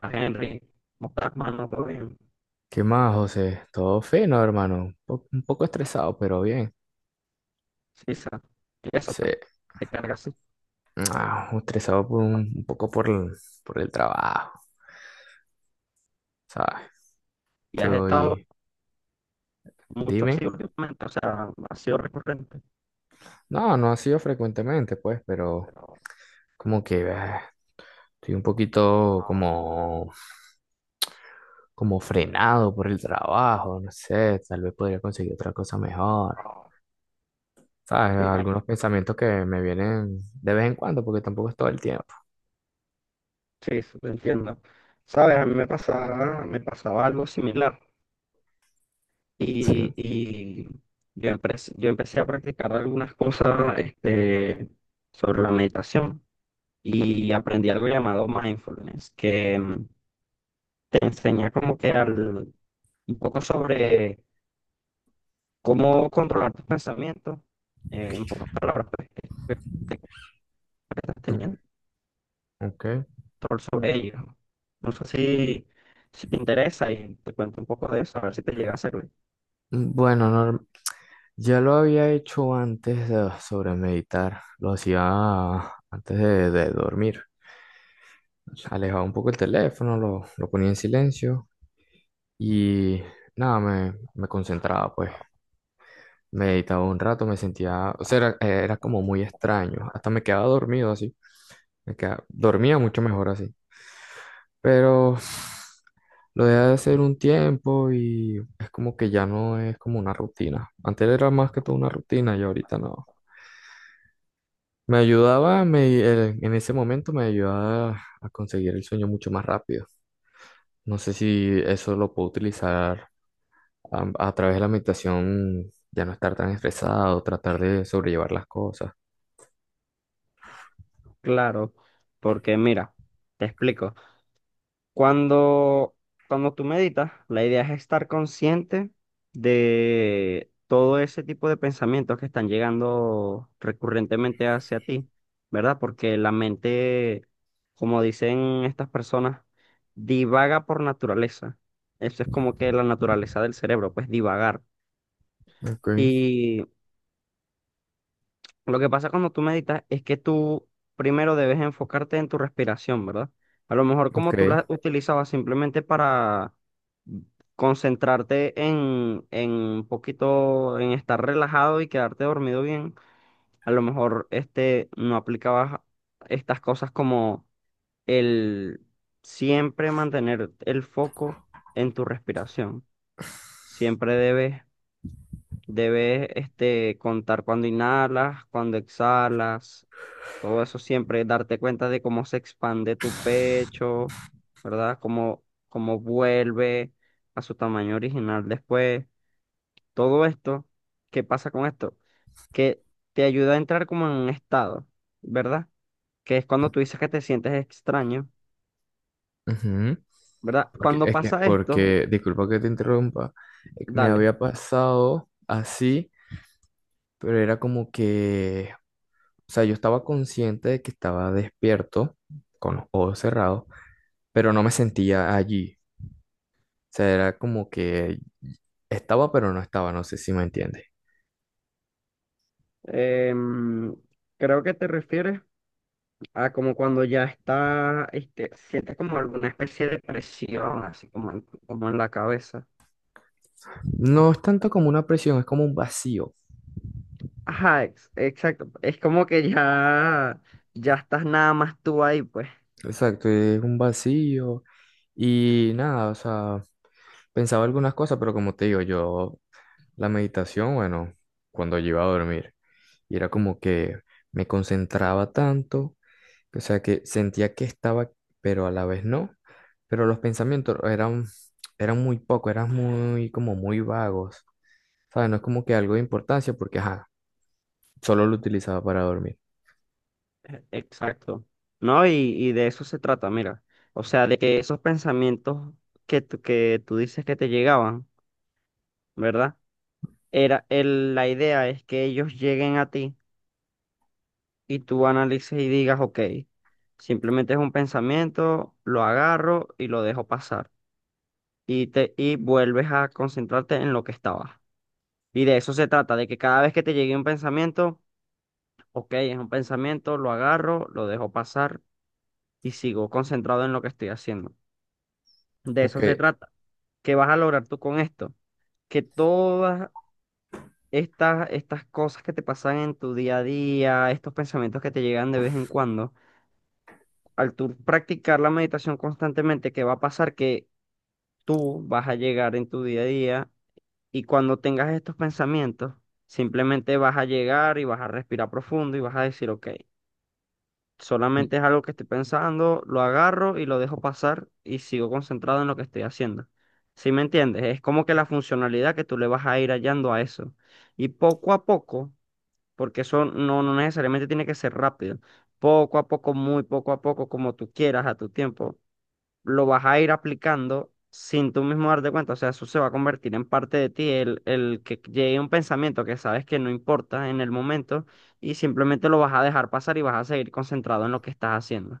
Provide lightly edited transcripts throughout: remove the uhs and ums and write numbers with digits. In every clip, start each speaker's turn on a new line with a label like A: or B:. A: Más Henry, Montagman, no creo bien,
B: ¿Qué más, José? Todo fino, hermano. Un poco estresado, pero bien.
A: Sisa, y eso
B: Sí,
A: pues, te carga así.
B: estresado por un poco por por el trabajo, ¿sabes?
A: Y has estado
B: Estoy,
A: mucho así
B: dime.
A: últimamente, o sea, ha sido recurrente.
B: No, no ha sido frecuentemente, pues, pero
A: Pero
B: como que estoy un poquito
A: no,
B: como, como frenado por el trabajo, no sé, tal vez podría conseguir otra cosa mejor,
A: no.
B: ¿sabes?
A: Sí,
B: Algunos pensamientos que me vienen de vez en cuando, porque tampoco es todo el tiempo,
A: sí, sí, te entiendo. Sabes, a mí me pasaba algo similar
B: ¿sí?
A: y yo empecé a practicar algunas cosas sobre la meditación y aprendí algo llamado mindfulness, que te enseña como que al, un poco sobre cómo controlar tus pensamientos, en pocas palabras, pues, que estás teniendo
B: Ok.
A: control sobre ellos. No No sé si te interesa y te cuento un poco de eso, a ver si te llega a servir.
B: Bueno, ya lo había hecho sobre meditar, lo hacía antes de dormir. Alejaba un poco el teléfono, lo ponía en silencio y nada, me concentraba pues. Meditaba un rato, me sentía, o sea, era como muy extraño. Hasta me quedaba dormido así. Dormía mucho mejor así. Pero lo dejé de hacer un tiempo y es como que ya no es como una rutina. Antes era más que todo una rutina y ahorita no. Me ayudaba, en ese momento me ayudaba a conseguir el sueño mucho más rápido. No sé si eso lo puedo utilizar a través de la meditación ya no estar tan estresado, tratar de sobrellevar las cosas.
A: Claro, porque mira, te explico. Cuando, cuando tú meditas, la idea es estar consciente de todo ese tipo de pensamientos que están llegando recurrentemente hacia ti, ¿verdad? Porque la mente, como dicen estas personas, divaga por naturaleza. Eso es como que la naturaleza del cerebro, pues divagar.
B: Ok,
A: Lo que pasa cuando tú meditas es que tú primero debes enfocarte en tu respiración, ¿verdad? A lo mejor
B: ok.
A: como tú la utilizabas simplemente para concentrarte en un poquito, en estar relajado y quedarte dormido bien, a lo mejor no aplicabas estas cosas como el siempre mantener el foco en tu respiración. Siempre debes Debes contar cuando inhalas, cuando exhalas, todo eso siempre, darte cuenta de cómo se expande tu pecho, ¿verdad? Cómo vuelve a su tamaño original después. Todo esto, ¿qué pasa con esto? Que te ayuda a entrar como en un estado, ¿verdad? Que es cuando tú dices que te sientes extraño,
B: Ujú.
A: ¿verdad?
B: Porque
A: Cuando
B: es que,
A: pasa esto,
B: porque, disculpa que te interrumpa, me
A: dale.
B: había pasado así, pero era como que, o sea, yo estaba consciente de que estaba despierto, con los ojos cerrados, pero no me sentía allí. O sea, era como que estaba, pero no estaba, no sé si me entiendes.
A: Em, creo que te refieres. Como cuando ya está, sientes como alguna especie de presión, así como como en la cabeza.
B: No es tanto como una presión, es como un vacío.
A: Ajá, exacto. Es como que ya, ya estás nada más tú ahí, pues.
B: Exacto, es un vacío y nada, o sea, pensaba algunas cosas, pero como te digo, yo la meditación, bueno, cuando yo iba a dormir, y era como que me concentraba tanto, o sea, que sentía que estaba, pero a la vez no, pero los pensamientos eran, eran muy poco, eran muy, como muy vagos, ¿sabes? No es como que algo de importancia porque, ajá, solo lo utilizaba para dormir.
A: Exacto. ¿No? Y de eso se trata, mira. O sea, de que esos pensamientos que tú dices que te llegaban, ¿verdad? La idea es que ellos lleguen a ti y tú analices y digas, ok, simplemente es un pensamiento, lo agarro y lo dejo pasar. Y vuelves a concentrarte en lo que estabas. Y de eso se trata, de que cada vez que te llegue un pensamiento, ok, es un pensamiento, lo agarro, lo dejo pasar y sigo concentrado en lo que estoy haciendo. De eso
B: Ok,
A: se trata. ¿Qué vas a lograr tú con esto? Que todas estas cosas que te pasan en tu día a día, estos pensamientos que te llegan de vez en cuando, al tú practicar la meditación constantemente, ¿qué va a pasar? Que tú vas a llegar en tu día a día. Y cuando tengas estos pensamientos, simplemente vas a llegar y vas a respirar profundo y vas a decir, ok, solamente es algo que estoy pensando, lo agarro y lo dejo pasar y sigo concentrado en lo que estoy haciendo. ¿Sí me entiendes? Es como que la funcionalidad que tú le vas a ir hallando a eso. Y poco a poco, porque eso no necesariamente tiene que ser rápido, poco a poco, muy poco a poco, como tú quieras, a tu tiempo lo vas a ir aplicando sin tú mismo darte cuenta. O sea, eso se va a convertir en parte de ti, el que llegue un pensamiento que sabes que no importa en el momento y simplemente lo vas a dejar pasar y vas a seguir concentrado en lo que estás haciendo.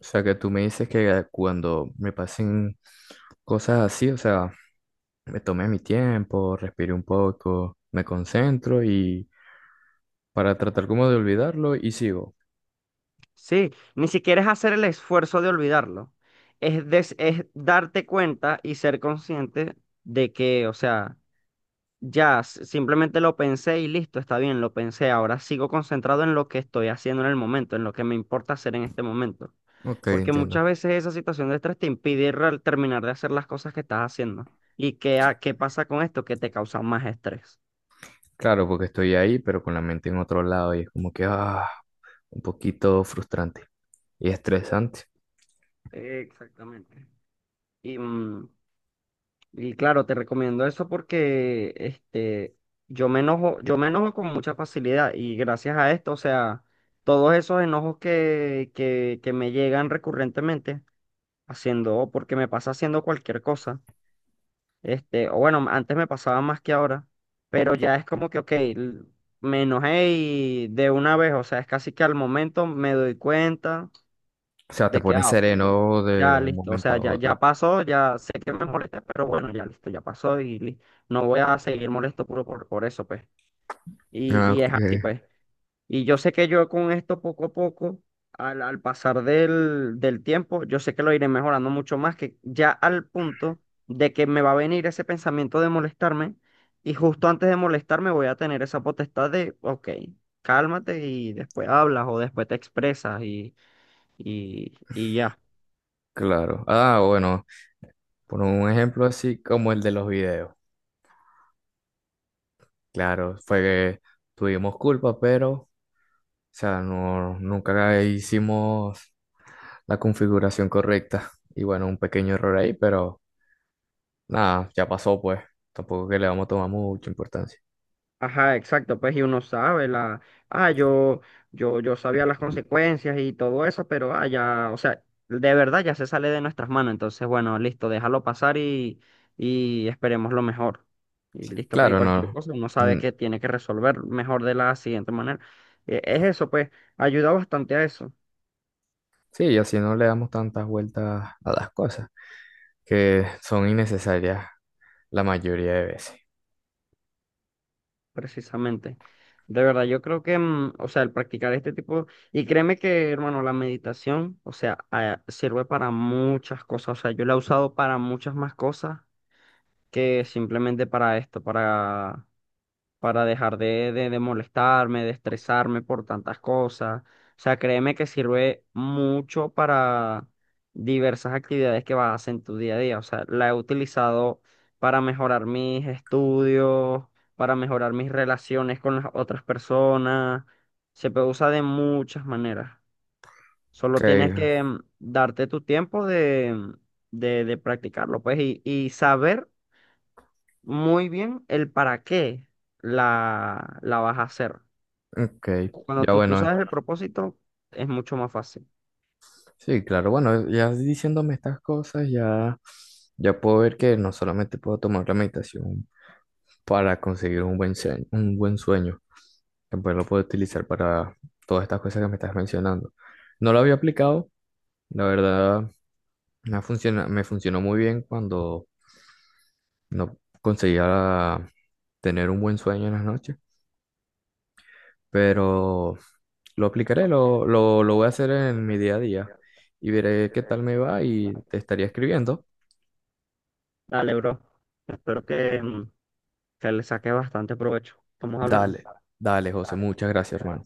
B: o sea, que tú me dices que cuando me pasen cosas así, o sea, me tomé mi tiempo, respiré un poco, me concentro y para tratar como de olvidarlo y sigo.
A: Sí, ni siquiera es hacer el esfuerzo de olvidarlo. Es darte cuenta y ser consciente de que, o sea, simplemente lo pensé y listo, está bien, lo pensé. Ahora sigo concentrado en lo que estoy haciendo en el momento, en lo que me importa hacer en este momento.
B: Ok,
A: Porque muchas
B: entiendo.
A: veces esa situación de estrés te impide terminar de hacer las cosas que estás haciendo. ¿Y qué pasa con esto? Que te causa más estrés.
B: Claro, porque estoy ahí, pero con la mente en otro lado y es como que, un poquito frustrante y estresante.
A: Exactamente. Y, mm, y claro, te recomiendo eso porque yo me enojo con mucha facilidad y gracias a esto, o sea, todos esos enojos que me llegan recurrentemente haciendo, o porque me pasa haciendo cualquier cosa. O bueno, antes me pasaba más que ahora, pero ya es como que, ok, me enojé y de una vez, o sea, es casi que al momento me doy cuenta
B: O sea, te
A: de que,
B: pone
A: ah, ok, bueno,
B: sereno de
A: ya
B: un
A: listo, o
B: momento
A: sea,
B: a
A: ya
B: otro.
A: pasó, ya sé que me molesté, pero bueno, ya listo, ya pasó y no voy a seguir molesto puro por eso, pues. Y,
B: Ah,
A: y
B: ok.
A: es así, pues. Y yo sé que yo con esto poco a poco, al pasar del tiempo, yo sé que lo iré mejorando mucho más, que ya al punto de que me va a venir ese pensamiento de molestarme y justo antes de molestarme voy a tener esa potestad de, ok, cálmate y después hablas o después te expresas y ya.
B: Claro. Ah, bueno, por un ejemplo así como el de los videos. Claro, fue que tuvimos culpa, pero sea, no, nunca hicimos la configuración correcta. Y bueno, un pequeño error ahí, pero nada, ya pasó pues. Tampoco que le vamos a tomar mucha importancia.
A: Ajá, exacto, pues y uno sabe la, ah, yo, yo sabía las consecuencias y todo eso, pero ah, ya, o sea, de verdad ya se sale de nuestras manos, entonces bueno, listo, déjalo pasar y esperemos lo mejor. Y listo, pues y
B: Claro,
A: cualquier
B: no.
A: cosa, uno sabe
B: mm,
A: que tiene que resolver mejor de la siguiente manera. Es eso, pues, ayuda bastante a eso.
B: sí, y así no le damos tantas vueltas a las cosas, que son innecesarias la mayoría de veces.
A: Precisamente. De verdad, yo creo que, o sea, el practicar este tipo, y créeme que, hermano, la meditación, o sea, sirve para muchas cosas, o sea, yo la he usado para muchas más cosas que simplemente para esto, para dejar de molestarme, de estresarme por tantas cosas. O sea, créeme que sirve mucho para diversas actividades que vas a hacer en tu día a día. O sea, la he utilizado para mejorar mis estudios, para mejorar mis relaciones con las otras personas. Se puede usar de muchas maneras.
B: Ok,
A: Solo tienes que darte tu tiempo de practicarlo, pues, y saber muy bien el para qué la vas a hacer.
B: ok. Ya
A: Tú
B: bueno,
A: sabes el propósito, es mucho más fácil.
B: sí, claro, bueno, ya diciéndome estas cosas, ya, ya puedo ver que no solamente puedo tomar la meditación para conseguir un buen sueño que pues lo puedo utilizar para todas estas cosas que me estás mencionando. No lo había aplicado, la verdad me funciona, me funcionó muy bien cuando no conseguía tener un buen sueño en las noches, pero lo aplicaré, lo voy a hacer en mi día a día y veré qué tal me va y te estaría escribiendo.
A: Dale, bro. Espero que, que le saque bastante provecho. Estamos hablando.
B: Dale, dale, José, muchas gracias, hermano.